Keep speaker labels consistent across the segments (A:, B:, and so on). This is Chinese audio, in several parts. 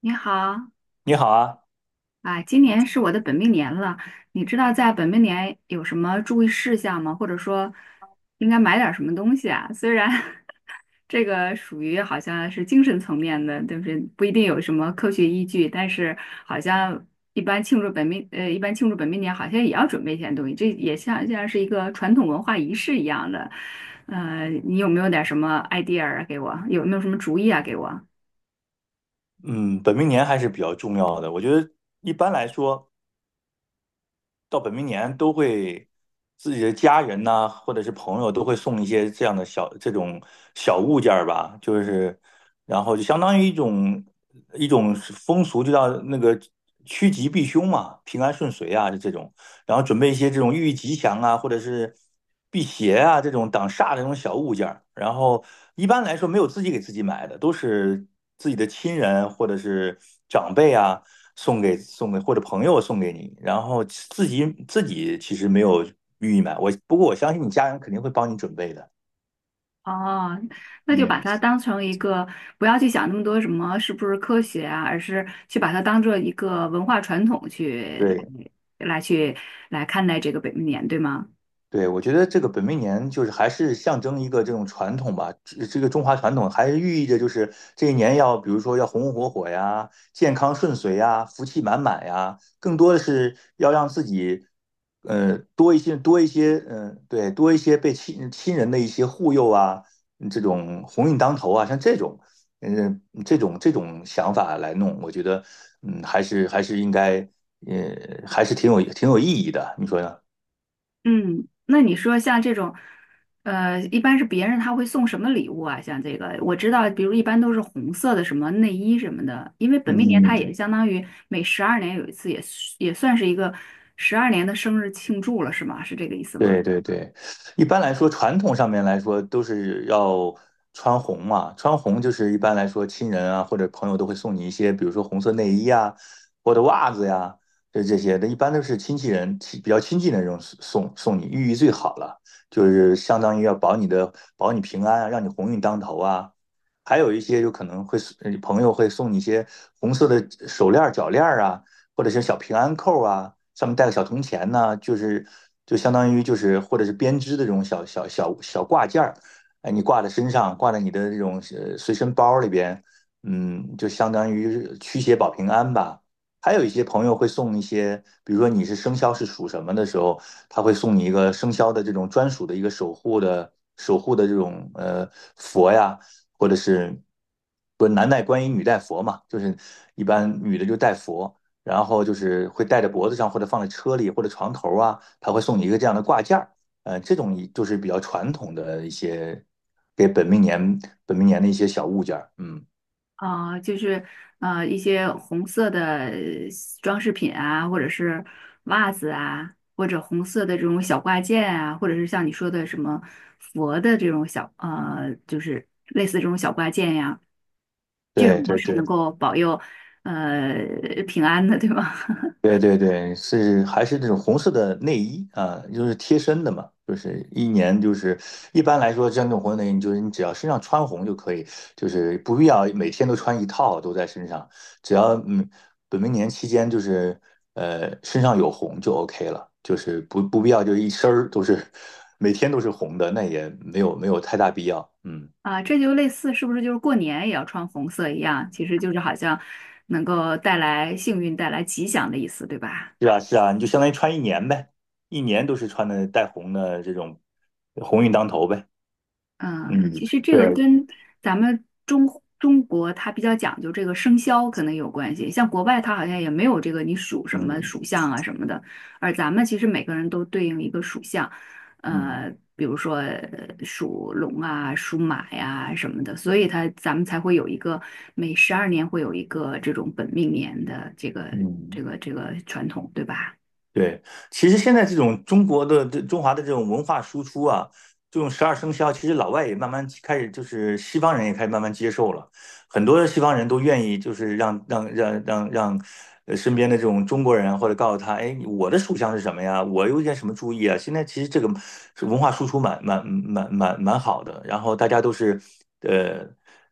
A: 你好
B: 你好啊。
A: 啊，今年是我的本命年了，你知道在本命年有什么注意事项吗？或者说应该买点儿什么东西啊？虽然 这个属于好像是精神层面的，对不对？不一定有什么科学依据，但是好像一般庆祝本命年好像也要准备一些东西，这也像是一个传统文化仪式一样的。你有没有点儿什么 idea 啊给我？有没有什么主意啊给我？
B: 嗯，本命年还是比较重要的。我觉得一般来说，到本命年都会自己的家人呐、或者是朋友都会送一些这样的小这种小物件儿吧，就是然后就相当于一种风俗，就叫那个趋吉避凶嘛，平安顺遂啊，就这种，然后准备一些这种寓意吉祥啊，或者是辟邪啊，这种挡煞的这种小物件儿。然后一般来说没有自己给自己买的，都是自己的亲人或者是长辈啊送给，或者朋友送给你，然后自己其实没有寓意买，不过我相信你家人肯定会帮你准备的。
A: 哦，那就把
B: 嗯，
A: 它当成一个，不要去想那么多什么是不是科学啊，而是去把它当做一个文化传统去
B: 对，
A: 来来去来看待这个本命年，对吗？
B: 对，我觉得这个本命年就是还是象征一个这种传统吧，这个中华传统还是寓意着就是这一年要，比如说要红红火火呀，健康顺遂呀，福气满满呀，更多的是要让自己，多一些，对，多一些被亲人的一些护佑啊，这种鸿运当头啊，像这种，嗯、这种想法来弄。我觉得，还是应该，还是挺有意义的，你说呢？
A: 嗯，那你说像这种，呃，一般是别人他会送什么礼物啊？像这个，我知道，比如一般都是红色的什么内衣什么的，因为本命年它也
B: 嗯。
A: 相当于每十二年有一次也，也算是一个十二年的生日庆祝了，是吗？是这个意思吗？
B: 对对对，一般来说，传统上面来说都是要穿红嘛。穿红就是一般来说，亲人啊或者朋友都会送你一些，比如说红色内衣啊，或者袜子呀，就这些的。一般都是亲戚人亲比较亲近的人送你，寓意最好了，就是相当于要保你平安啊，让你鸿运当头啊。还有一些就可能会送，朋友会送你一些红色的手链儿、脚链儿啊，或者是小平安扣啊，上面带个小铜钱呐，啊，就是就相当于，就是或者是编织的这种小挂件儿，哎，你挂在身上，挂在你的这种随身包里边，嗯，就相当于驱邪保平安吧。还有一些朋友会送一些，比如说你是生肖是属什么的时候，他会送你一个生肖的这种专属的一个守护的这种佛呀，或者是，不是男戴观音，女戴佛嘛，就是一般女的就戴佛，然后就是会戴在脖子上，或者放在车里，或者床头啊，他会送你一个这样的挂件儿。呃，这种就是比较传统的一些给本命年的一些小物件儿。嗯，
A: 啊，就是一些红色的装饰品啊，或者是袜子啊，或者红色的这种小挂件啊，或者是像你说的什么佛的这种就是类似这种小挂件呀，这
B: 对
A: 种都
B: 对
A: 是
B: 对。
A: 能够保佑呃平安的，对吧？
B: 对 对对，还是那种红色的内衣啊，就是贴身的嘛，就是一年就是，一般来说，像这种红色内衣，你就是你只要身上穿红就可以，就是不必要每天都穿一套都在身上，只要本命年期间，就是身上有红就 OK 了，就是不必要就一身儿都是每天都是红的，那也没有，太大必要。嗯，
A: 啊，这就类似是不是就是过年也要穿红色一样？其实就是好像能够带来幸运、带来吉祥的意思，对吧？
B: 是啊，是啊，你就相当于穿一年呗，一年都是穿的带红的，这种红运当头呗。
A: 嗯，其
B: 嗯。
A: 实这个
B: 对，
A: 跟咱们中国它比较讲究这个生肖可能有关系，像国外它好像也没有这个你属什么
B: 嗯
A: 属相啊什么的，而咱们其实每个人都对应一个属相，
B: 嗯
A: 比如说属龙啊、属马呀、什么的，所以它咱们才会有一个每十二年会有一个这种本命年的这个这
B: 嗯
A: 个这个传统，对吧？
B: 对。其实现在这种中国的这中华的这种文化输出啊，这种十二生肖，其实老外也慢慢开始，就是西方人也开始慢慢接受了。很多的西方人都愿意，就是让让让让让，身边的这种中国人啊或者告诉他，哎，我的属相是什么呀？我有点什么注意啊？现在其实这个是文化输出蛮好的，然后大家都是，呃，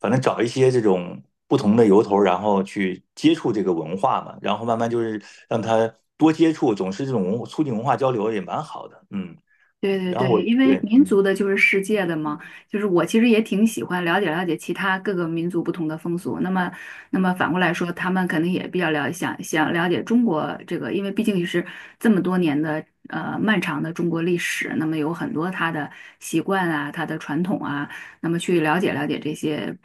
B: 反正找一些这种不同的由头，然后去接触这个文化嘛，然后慢慢就是让他多接触，总是这种促进文化交流也蛮好的。嗯，
A: 对对
B: 然后
A: 对，
B: 我，
A: 因为
B: 对，
A: 民族
B: 嗯，
A: 的就是世界的嘛，就是我其实也挺喜欢了解其他各个民族不同的风俗。那么，那么反过来说，他们肯定也比较想了解中国这个，因为毕竟也是这么多年的漫长的中国历史，那么有很多他的习惯啊，他的传统啊，那么去了解这些。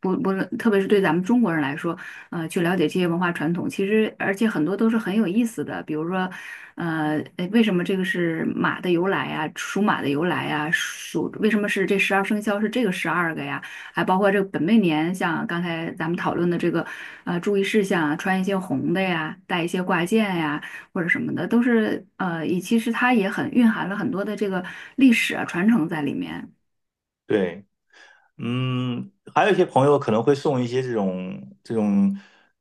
A: 不论，特别是对咱们中国人来说。呃，去了解这些文化传统。其实，而且很多都是很有意思的，比如说，呃，诶为什么这个是马的由来呀？属马的由来呀？属为什么是这12生肖是这个12个呀？还包括这个本命年，像刚才咱们讨论的这个，呃，注意事项啊，穿一些红的呀，戴一些挂件呀，或者什么的，都是其实它也很蕴含了很多的这个历史啊传承在里面。
B: 对。嗯，还有一些朋友可能会送一些这种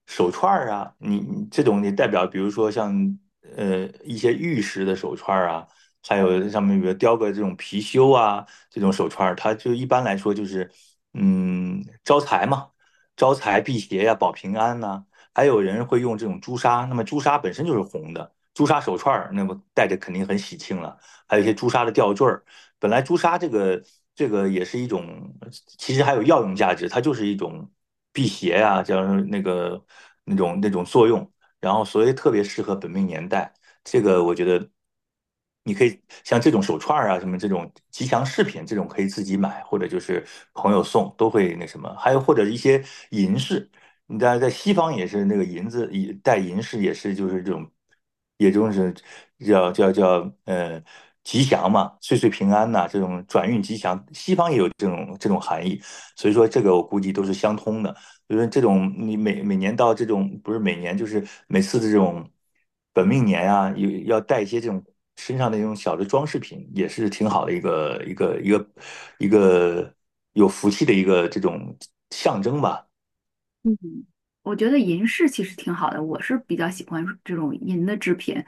B: 手串儿啊，你这种也代表，比如说像一些玉石的手串儿啊，还有上面比如雕个这种貔貅啊，这种手串儿，它就一般来说就是招财嘛，招财辟邪呀、保平安呐，还有人会用这种朱砂。那么朱砂本身就是红的，朱砂手串儿，那么戴着肯定很喜庆了。还有一些朱砂的吊坠儿。本来朱砂这个也是一种，其实还有药用价值，它就是一种辟邪啊，这那个那种作用。然后所以特别适合本命年代。这个我觉得，你可以像这种手串啊，什么这种吉祥饰品，这种可以自己买，或者就是朋友送，都会那什么。还有或者一些银饰，你在西方也是那个银子，戴银饰也是就是这种，也就是叫，吉祥嘛，岁岁平安呐、这种转运吉祥，西方也有这种含义，所以说这个我估计都是相通的。就是这种你每年到这种，不是每年，就是每次的这种本命年啊，有要带一些这种身上的这种小的装饰品，也是挺好的一个有福气的一个这种象征吧。
A: 我觉得银饰其实挺好的，我是比较喜欢这种银的制品，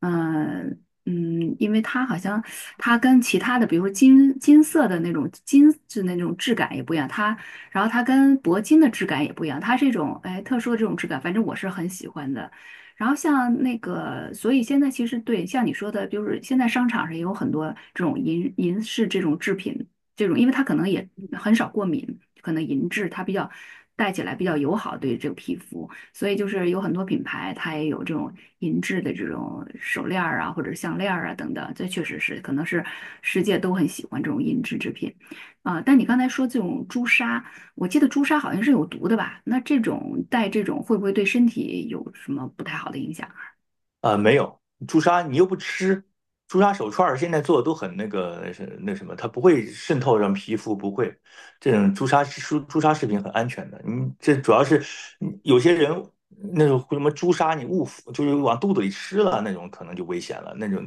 A: 嗯因为它好像它跟其他的，比如说金色的那种金就那种质感也不一样，它然后它跟铂金的质感也不一样，它这种哎特殊的这种质感，反正我是很喜欢的。然后像那个，所以现在其实对像你说的，就是现在商场上也有很多这种银饰这种制品。这种，因为它可能也很少过敏，可能银质它比较戴起来比较友好对这个皮肤，所以就是有很多品牌它也有这种银质的这种手链儿啊，或者项链儿啊等等，这确实是可能是世界都很喜欢这种银质制品啊、但你刚才说这种朱砂，我记得朱砂好像是有毒的吧？那这种戴这种会不会对身体有什么不太好的影响？
B: 啊，没有，朱砂你又不吃。朱砂手串儿现在做的都很那个，是那什么，它不会渗透上皮肤，不会。这种朱砂饰品很安全的，你这主要是有些人那种什么朱砂，你误服，就是往肚子里吃了那种，可能就危险了。那种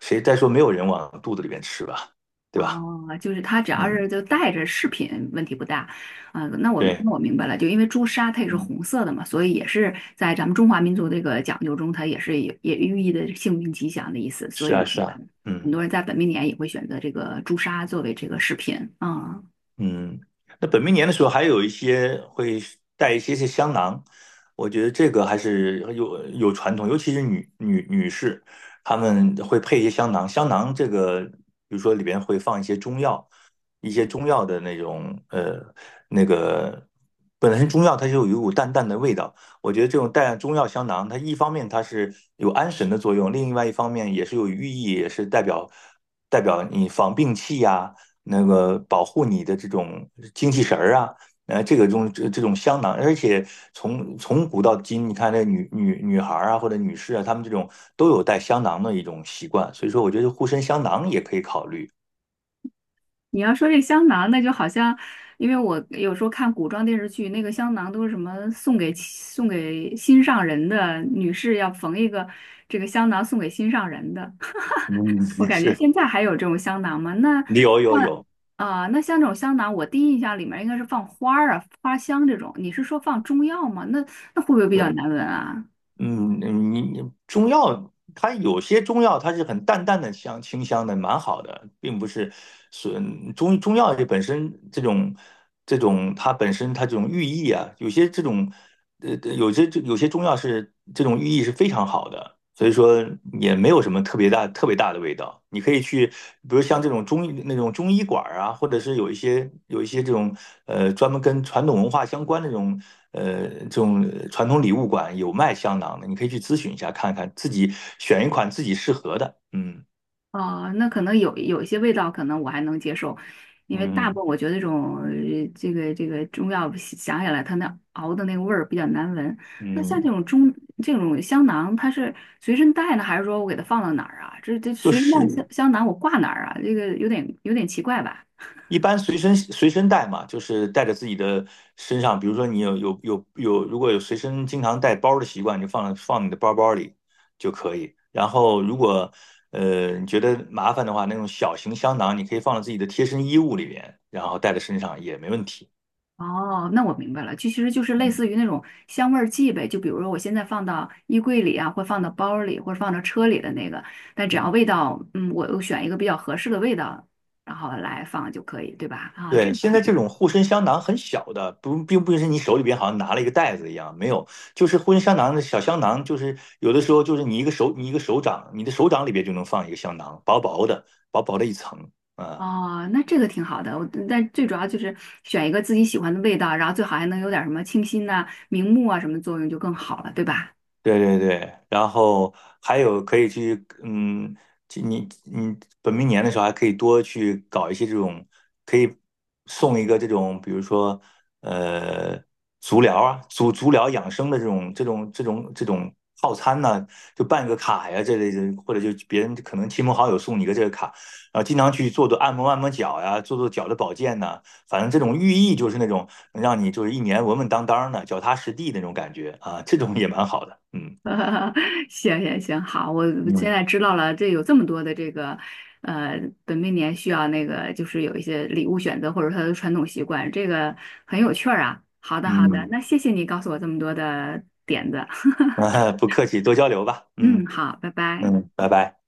B: 说没有人往肚子里面吃吧，对吧？
A: 哦，就是它只要
B: 嗯，
A: 是就带着饰品，问题不大。啊、那我
B: 对，
A: 那我明白了，就因为朱砂它也是
B: 嗯，
A: 红色的嘛，所以也是在咱们中华民族这个讲究中，它也是也也寓意的幸运吉祥的意思。所
B: 是啊，
A: 以
B: 是啊，
A: 嗯很多
B: 嗯。
A: 人在本命年也会选择这个朱砂作为这个饰品。啊、
B: 嗯，那本命年的时候还有一些会带一些些香囊，我觉得这个还是有有传统。尤其是女士，她们会配一些香囊。香囊这个，比如说里边会放一些中药，一些中药的那种那个本身中药它就有一股淡淡的味道。我觉得这种带中药香囊，它一方面它是有安神的作用，另外一方面也是有寓意，也是代表你防病气呀、那个保护你的这种精气神儿啊。这个种这种香囊，而且从古到今，你看那女孩儿啊或者女士啊，她们这种都有带香囊的一种习惯。所以说我觉得护身香囊也可以考虑。
A: 你要说这香囊，那就好像，因为我有时候看古装电视剧，那个香囊都是什么送给心上人的，女士要缝一个这个香囊送给心上人的。
B: 嗯，
A: 我
B: 也
A: 感觉
B: 是
A: 现在还有这种香囊吗？那那
B: 有。
A: 啊、那像这种香囊，我第一印象里面应该是放花儿啊、花香这种。你是说放中药吗？那会不会比较
B: 对，
A: 难闻啊？
B: 嗯。你，中药，它有些中药它是很淡淡的香清香的，蛮好的，并不是损中药这本身这种，它本身它这种寓意啊，有些这种，有些中药是这种寓意是非常好的，所以说也没有什么特别大、特别大的味道。你可以去，比如像这种中医，那种中医馆儿啊，或者是有一些，这种专门跟传统文化相关的这种传统礼物馆有卖香囊的，你可以去咨询一下，看看自己选一款自己适合的。嗯
A: 啊，那可能有一些味道，可能我还能接受，因为大部
B: 嗯
A: 分我觉得这种中药想起来，它那熬的那个味儿比较难闻。那像
B: 嗯，
A: 这种香囊，它是随身带呢，还是说我给它放到哪儿啊？这
B: 就
A: 随身带香
B: 是
A: 香囊我挂哪儿啊？这个有点奇怪吧？
B: 一般随身带嘛，就是带着自己的身上。比如说你有，如果有随身经常带包的习惯，你就放你的包包里就可以。然后如果你觉得麻烦的话，那种小型香囊你可以放到自己的贴身衣物里边，然后带在身上也没问题。
A: 哦，那我明白了，就其实就是类
B: 嗯
A: 似于那种香味儿剂呗，就比如说我现在放到衣柜里啊，或放到包里，或者放到车里的那个，但只要
B: 嗯。
A: 味道，嗯，我选一个比较合适的味道，然后来放就可以，对吧？啊，这
B: 对，
A: 个我
B: 现在
A: 明
B: 这
A: 白
B: 种护身香囊很小的。不，并不是你手里边好像拿了一个袋子一样，没有。就是护身香囊的小香囊，就是有的时候你一个手，你一个手掌，你的手掌里边就能放一个香囊，薄薄的，薄薄的一层，啊。
A: 哦，那这个挺好的，我但最主要就是选一个自己喜欢的味道，然后最好还能有点儿什么清新呐、明目啊什么作用就更好了，对吧？
B: 对对对，然后还有可以去，嗯，去你本命年的时候还可以多去搞一些这种，可以送一个这种，比如说呃足疗啊，足疗养生的这种套餐呢、就办个卡呀这类的，或者就别人可能亲朋好友送你一个这个卡，然后经常去做按摩，按摩脚呀，做做脚的保健呐，反正这种寓意就是那种让你就是一年稳稳当当的、脚踏实地那种感觉啊，这种也蛮好的。嗯
A: 行，好，我现
B: 嗯
A: 在知道了，这有这么多的这个，呃，本命年需要那个，就是有一些礼物选择，或者他的传统习惯，这个很有趣儿啊。好的，好的，
B: 嗯，
A: 那谢谢你告诉我这么多的点子。
B: 啊， 不客气，多交流吧。
A: 嗯，
B: 嗯
A: 好，拜拜。
B: 嗯，拜拜。